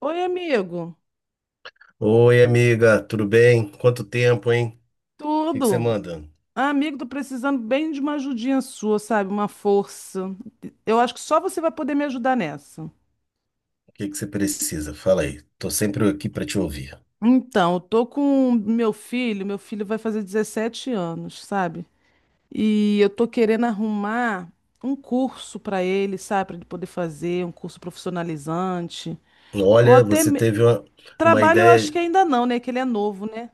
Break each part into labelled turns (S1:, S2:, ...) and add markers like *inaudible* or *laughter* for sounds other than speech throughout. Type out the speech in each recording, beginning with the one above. S1: Oi, amigo.
S2: Oi, amiga, tudo bem? Quanto tempo, hein? O que que você
S1: Tudo?
S2: manda?
S1: Ah, amigo, tô precisando bem de uma ajudinha sua, sabe? Uma força. Eu acho que só você vai poder me ajudar nessa.
S2: O que que você precisa? Fala aí. Tô sempre aqui para te ouvir.
S1: Então, eu tô com meu filho vai fazer 17 anos, sabe? E eu tô querendo arrumar um curso pra ele, sabe? Pra ele poder fazer, um curso profissionalizante. Ou
S2: Olha,
S1: até
S2: você
S1: me-
S2: teve uma
S1: Trabalho, eu
S2: ideia.
S1: acho que ainda não, né? Que ele é novo, né?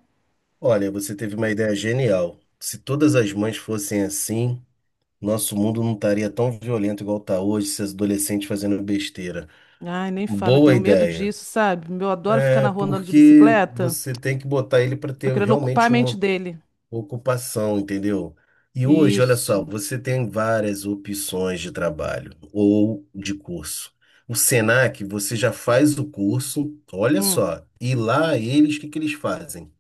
S2: Olha, você teve uma ideia genial. Se todas as mães fossem assim, nosso mundo não estaria tão violento igual tá hoje, esses adolescentes fazendo besteira.
S1: Ai, nem falo, eu
S2: Boa
S1: tenho medo
S2: ideia.
S1: disso, sabe? Eu adoro ficar na
S2: É
S1: rua andando de
S2: porque
S1: bicicleta.
S2: você tem que botar ele para
S1: Tô
S2: ter
S1: querendo ocupar a
S2: realmente
S1: mente
S2: uma
S1: dele.
S2: ocupação, entendeu? E hoje, olha só,
S1: Isso.
S2: você tem várias opções de trabalho ou de curso. O Senac, você já faz o curso, olha
S1: Hum.
S2: só, e lá eles, o que que eles fazem?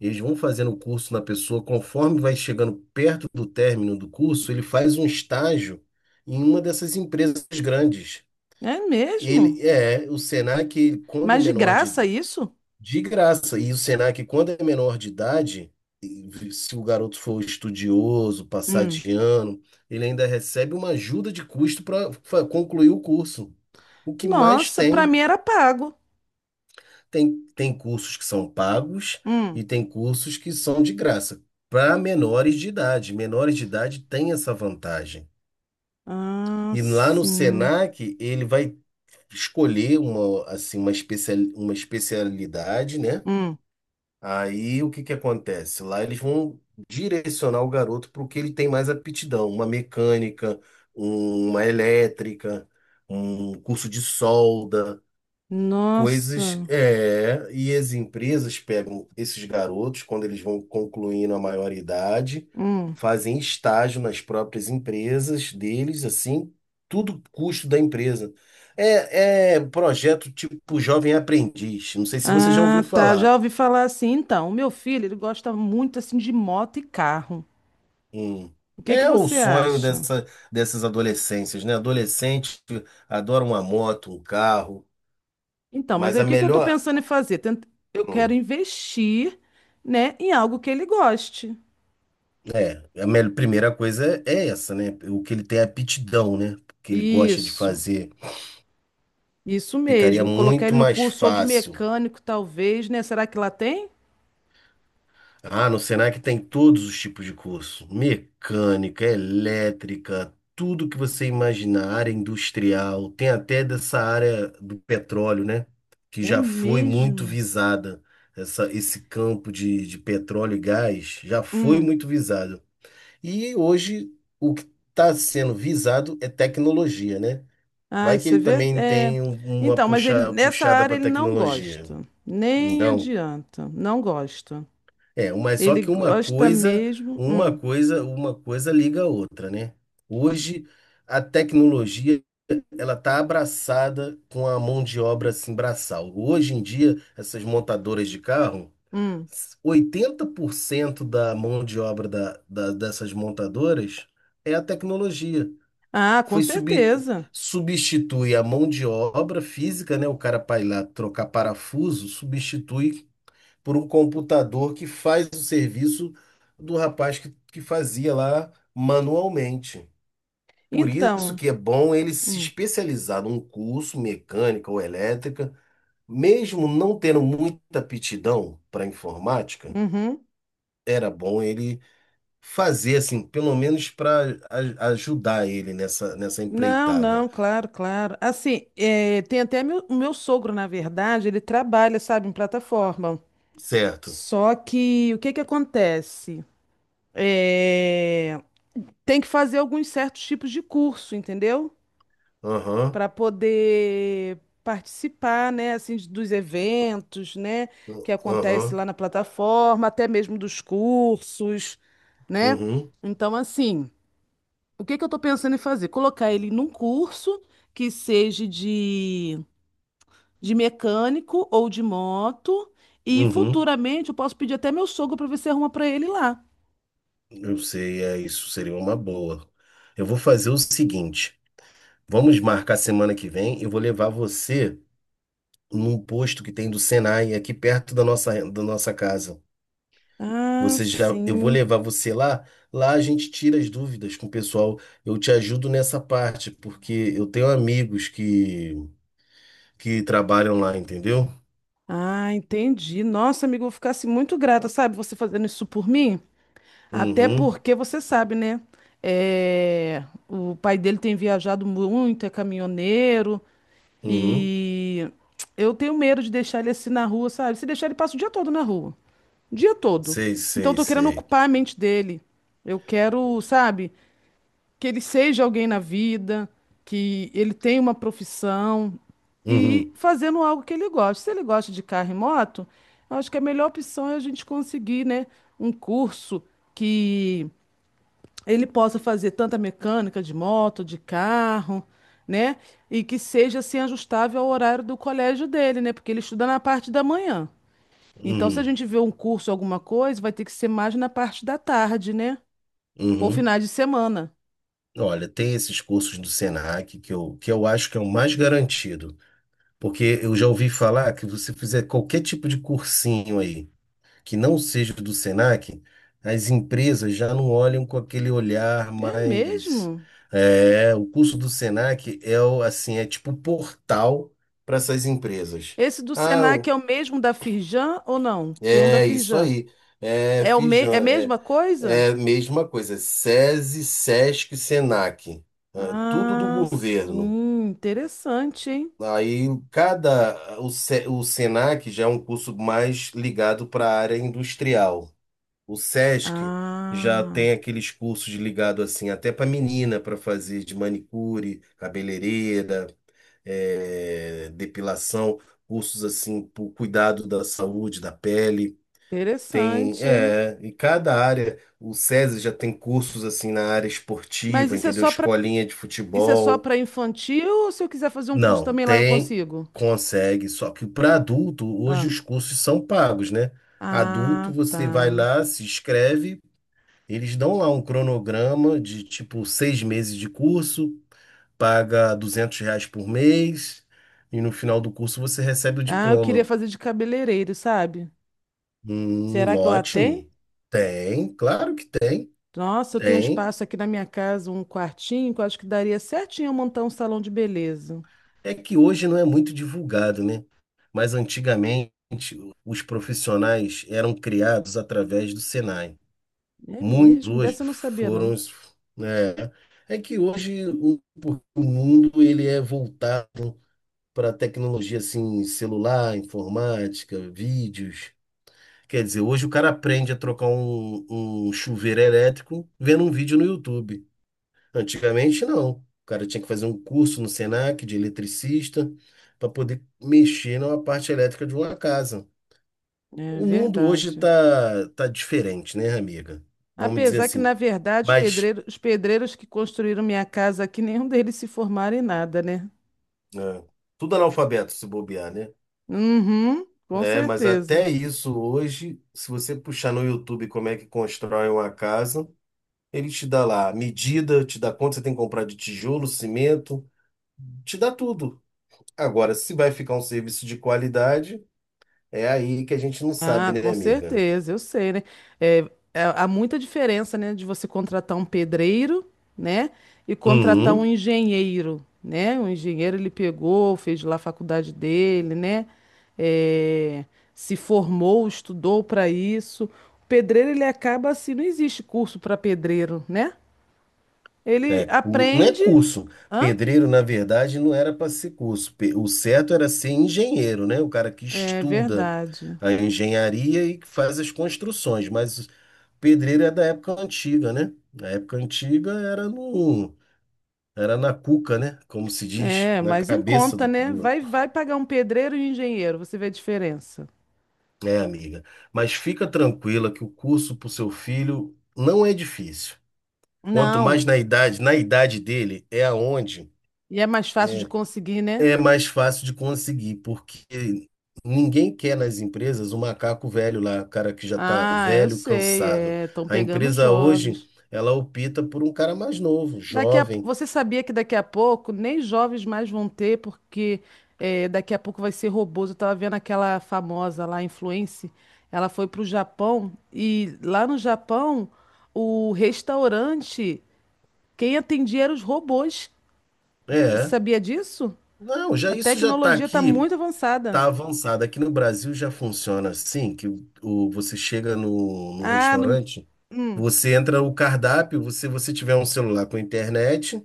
S2: Eles vão fazendo o curso na pessoa, conforme vai chegando perto do término do curso, ele faz um estágio em uma dessas empresas grandes.
S1: É mesmo?
S2: Ele é, o Senac, ele, quando é
S1: Mas de
S2: menor
S1: graça isso?
S2: de graça. E o Senac, quando é menor de idade, e se o garoto for estudioso, passar
S1: Hum.
S2: de ano, ele ainda recebe uma ajuda de custo para concluir o curso. O que mais
S1: Nossa, pra
S2: tem,
S1: mim era pago.
S2: tem cursos que são pagos
S1: Hum.
S2: e tem cursos que são de graça. Para menores de idade. Menores de idade tem essa vantagem.
S1: Ah,
S2: E lá no
S1: sim.
S2: Senac, ele vai escolher uma, assim, uma especialidade, né?
S1: Hum.
S2: Aí o que que acontece? Lá eles vão direcionar o garoto para o que ele tem mais aptidão, uma mecânica, uma elétrica, um curso de solda, coisas.
S1: Nossa.
S2: É, e as empresas pegam esses garotos quando eles vão concluindo a maioridade,
S1: Hum.
S2: fazem estágio nas próprias empresas deles, assim, tudo custo da empresa. É projeto tipo Jovem Aprendiz. Não sei se você já ouviu
S1: Ah, tá.
S2: falar.
S1: Já ouvi falar assim. Então, o meu filho, ele gosta muito assim de moto e carro.
S2: Hum.
S1: O que que
S2: É o
S1: você
S2: sonho
S1: acha?
S2: dessas adolescências, né? Adolescente adora uma moto, um carro,
S1: Então, mas
S2: mas
S1: aí o que que eu tô pensando em fazer? Eu quero
S2: hum,
S1: investir, né, em algo que ele goste.
S2: a melhor, primeira coisa é essa, né? O que ele tem é aptidão, né? O que ele gosta de
S1: Isso.
S2: fazer.
S1: Isso
S2: Ficaria
S1: mesmo, colocar
S2: muito
S1: ele no
S2: mais
S1: curso ou de
S2: fácil.
S1: mecânico, talvez, né? Será que lá tem?
S2: Ah, no Senac tem todos os tipos de curso: mecânica, elétrica, tudo que você imaginar, área industrial, tem até dessa área do petróleo, né? Que
S1: É
S2: já foi muito
S1: mesmo.
S2: visada. Esse campo de petróleo e gás já foi
S1: Hum.
S2: muito visado. E hoje o que está sendo visado é tecnologia, né?
S1: Ai,
S2: Vai que
S1: você
S2: ele
S1: vê?
S2: também
S1: É.
S2: tem uma
S1: Então, mas ele nessa
S2: puxada
S1: área
S2: para
S1: ele não
S2: tecnologia.
S1: gosta. Nem
S2: Não.
S1: adianta. Não gosta.
S2: É, mas só
S1: Ele
S2: que uma
S1: gosta
S2: coisa,
S1: mesmo.
S2: uma
S1: Hum.
S2: coisa, uma coisa liga a outra, né? Hoje a tecnologia ela tá abraçada com a mão de obra assim braçal. Hoje em dia, essas montadoras de carro,
S1: Hum.
S2: 80% da mão de obra dessas montadoras é a tecnologia.
S1: Ah, com
S2: Foi sub,
S1: certeza.
S2: substitui a mão de obra física, né? O cara para ir lá trocar parafuso, substitui por um computador que faz o serviço do rapaz que fazia lá manualmente. Por isso
S1: Então.
S2: que é bom ele se
S1: Hum.
S2: especializar num curso mecânica ou elétrica, mesmo não tendo muita aptidão para informática,
S1: Uhum.
S2: era bom ele fazer assim, pelo menos para ajudar ele nessa
S1: Não,
S2: empreitada.
S1: não, claro, claro. Assim, é, tem até meu, o meu sogro, na verdade, ele trabalha, sabe, em plataforma.
S2: Certo?
S1: Só que o que que acontece? É, tem que fazer alguns certos tipos de curso, entendeu?
S2: Aham.
S1: Para poder participar, né, assim, dos eventos, né, que acontece
S2: Aham.
S1: lá na plataforma, até mesmo dos cursos, né?
S2: Uhum.
S1: Então, assim, o que que eu estou pensando em fazer? Colocar ele num curso que seja de mecânico ou de moto, e
S2: Uhum.
S1: futuramente eu posso pedir até meu sogro para ver se arruma para ele lá.
S2: Eu sei, é isso, seria uma boa. Eu vou fazer o seguinte: vamos marcar semana que vem. Eu vou levar você num posto que tem do Senai, aqui perto da nossa casa.
S1: Ah,
S2: Eu vou
S1: sim.
S2: levar você lá. Lá a gente tira as dúvidas com o pessoal. Eu te ajudo nessa parte, porque eu tenho amigos que trabalham lá, entendeu?
S1: Ah, entendi. Nossa, amigo, eu ficasse muito grata, sabe, você fazendo isso por mim. Até
S2: Uhum,
S1: porque você sabe, né? É, o pai dele tem viajado muito, é caminhoneiro
S2: uhum.
S1: e eu tenho medo de deixar ele assim na rua, sabe? Se deixar ele passa o dia todo na rua, o dia todo.
S2: Sei,
S1: Então eu
S2: sei,
S1: tô querendo
S2: sei.
S1: ocupar a mente dele. Eu quero, sabe, que ele seja alguém na vida, que ele tenha uma profissão e
S2: Uhum,
S1: fazendo algo que ele gosta. Se ele gosta de carro e moto, eu acho que a melhor opção é a gente conseguir, né, um curso que ele possa fazer tanta mecânica de moto, de carro, né, e que seja assim ajustável ao horário do colégio dele, né, porque ele estuda na parte da manhã. Então, se a
S2: uhum,
S1: gente vê um curso, alguma coisa, vai ter que ser mais na parte da tarde, né? Ou
S2: uhum.
S1: finais de semana.
S2: Olha, tem esses cursos do Senac que eu acho que é o mais garantido, porque eu já ouvi falar que você fizer qualquer tipo de cursinho aí, que não seja do Senac, as empresas já não olham com aquele olhar
S1: É
S2: mais.
S1: mesmo?
S2: É, o curso do Senac assim, é tipo um portal para essas empresas.
S1: Esse do
S2: Ah,
S1: Senac é o mesmo da Firjan ou não? Tem um da
S2: é isso
S1: Firjan.
S2: aí. É
S1: É a
S2: Fijan, é,
S1: mesma coisa?
S2: é mesma coisa. SESI, SESC, SENAC, é, tudo do
S1: Ah,
S2: governo.
S1: sim, interessante, hein?
S2: Aí cada o, Se- o SENAC já é um curso mais ligado para a área industrial. O SESC já tem
S1: Ah,
S2: aqueles cursos ligados assim, até para menina, para fazer de manicure, cabeleireira, é, depilação, cursos assim para o cuidado da saúde, da pele. Tem,
S1: interessante, hein?
S2: é, e cada área, o SESI já tem cursos assim na área
S1: Mas
S2: esportiva,
S1: isso é
S2: entendeu?
S1: só para
S2: Escolinha de
S1: isso é só
S2: futebol.
S1: para infantil ou se eu quiser fazer um curso
S2: Não,
S1: também lá eu
S2: tem,
S1: consigo?
S2: consegue, só que para adulto, hoje
S1: Ah,
S2: os cursos são pagos, né? Adulto,
S1: ah,
S2: você vai
S1: tá.
S2: lá, se inscreve, eles dão lá um cronograma de tipo 6 meses de curso, paga R$ 200 por mês, e no final do curso você recebe o
S1: Ah, eu queria
S2: diploma.
S1: fazer de cabeleireiro, sabe? Será que lá tem?
S2: Ótimo. Tem, claro que tem.
S1: Nossa, eu tenho um
S2: Tem.
S1: espaço aqui na minha casa, um quartinho, que eu acho que daria certinho eu montar um salão de beleza.
S2: É que hoje não é muito divulgado, né? Mas antigamente os profissionais eram criados através do Senai.
S1: É
S2: Muitos
S1: mesmo,
S2: hoje
S1: dessa eu não sabia, não.
S2: foram, né? É que hoje o mundo ele é voltado para tecnologia assim, celular, informática, vídeos. Quer dizer, hoje o cara aprende a trocar um chuveiro elétrico vendo um vídeo no YouTube. Antigamente, não. O cara tinha que fazer um curso no Senac de eletricista para poder mexer na parte elétrica de uma casa.
S1: É
S2: O mundo hoje
S1: verdade.
S2: tá diferente, né, amiga? Vamos dizer
S1: Apesar que, na
S2: assim.
S1: verdade, os
S2: Mas
S1: pedreiros, os pedreiros que construíram minha casa aqui, *laughs* nenhum deles se formaram em nada, né?
S2: é, tudo analfabeto se bobear, né?
S1: Uhum, com
S2: É, mas
S1: certeza.
S2: até isso hoje, se você puxar no YouTube como é que constrói uma casa, ele te dá lá a medida, te dá quanto você tem que comprar de tijolo, cimento, te dá tudo. Agora, se vai ficar um serviço de qualidade. É aí que a gente não sabe,
S1: Ah,
S2: né,
S1: com
S2: amiga?
S1: certeza, eu sei, né? É, há muita diferença, né, de você contratar um pedreiro, né, e contratar um
S2: Uhum.
S1: engenheiro, né? O engenheiro ele pegou, fez lá a faculdade dele, né? É, se formou, estudou para isso. O pedreiro ele acaba assim, não existe curso para pedreiro, né? Ele
S2: É, não é
S1: aprende,
S2: curso.
S1: hã?
S2: Pedreiro, na verdade, não era para ser curso. O certo era ser engenheiro, né? O cara que
S1: É
S2: estuda
S1: verdade.
S2: a engenharia e que faz as construções. Mas pedreiro é da época antiga, né? Na época antiga era no... era na cuca, né? Como se diz,
S1: É,
S2: na
S1: mas em
S2: cabeça
S1: conta,
S2: do,
S1: né?
S2: do...
S1: Vai pagar um pedreiro e um engenheiro, você vê a diferença.
S2: É, amiga. Mas fica tranquila que o curso para o seu filho não é difícil. Quanto mais
S1: Não,
S2: na idade dele, é aonde
S1: e é mais fácil de
S2: é,
S1: conseguir, né?
S2: é mais fácil de conseguir, porque ninguém quer nas empresas o macaco velho lá, o cara que já está
S1: Ah, eu
S2: velho,
S1: sei,
S2: cansado.
S1: é, estão
S2: A
S1: pegando os
S2: empresa hoje,
S1: jovens.
S2: ela opta por um cara mais novo,
S1: Daqui a,
S2: jovem.
S1: você sabia que daqui a pouco nem jovens mais vão ter, porque é, daqui a pouco vai ser robôs. Eu tava vendo aquela famosa lá, influencer, ela foi pro Japão e lá no Japão o restaurante, quem atendia eram os robôs. Você
S2: É,
S1: sabia disso?
S2: não, já
S1: A
S2: isso já está
S1: tecnologia está
S2: aqui,
S1: muito avançada.
S2: está avançado. Aqui no Brasil já funciona assim, que você chega no
S1: Ah, no,
S2: restaurante,
S1: hum.
S2: você entra o cardápio, você tiver um celular com internet.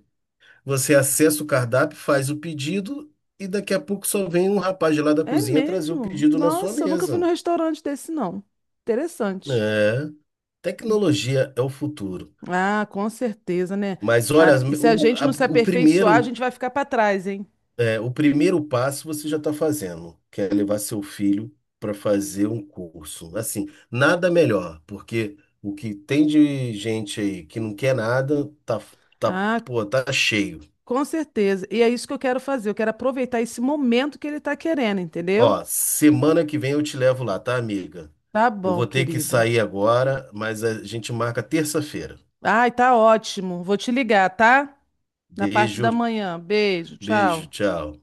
S2: Você acessa o cardápio, faz o pedido e daqui a pouco só vem um rapaz de lá da
S1: É
S2: cozinha trazer o
S1: mesmo?
S2: pedido na sua
S1: Nossa, eu nunca fui num
S2: mesa.
S1: restaurante desse, não. Interessante.
S2: É, tecnologia é o futuro.
S1: Ah, com certeza, né?
S2: Mas olha,
S1: Ah, e se a
S2: o,
S1: gente
S2: a-
S1: não se
S2: o
S1: aperfeiçoar, a
S2: primeiro,
S1: gente vai ficar para trás, hein?
S2: é, o primeiro passo você já está fazendo, que é levar seu filho para fazer um curso. Assim, nada melhor, porque o que tem de gente aí que não quer nada tá,
S1: Ah,
S2: pô, tá cheio.
S1: com certeza. E é isso que eu quero fazer. Eu quero aproveitar esse momento que ele tá querendo, entendeu?
S2: Ó, semana que vem eu te levo lá, tá, amiga?
S1: Tá
S2: Eu
S1: bom,
S2: vou ter que
S1: querido.
S2: sair agora, mas a gente marca terça-feira.
S1: Ai, tá ótimo. Vou te ligar, tá? Na parte
S2: Beijo,
S1: da manhã. Beijo,
S2: beijo,
S1: tchau.
S2: tchau.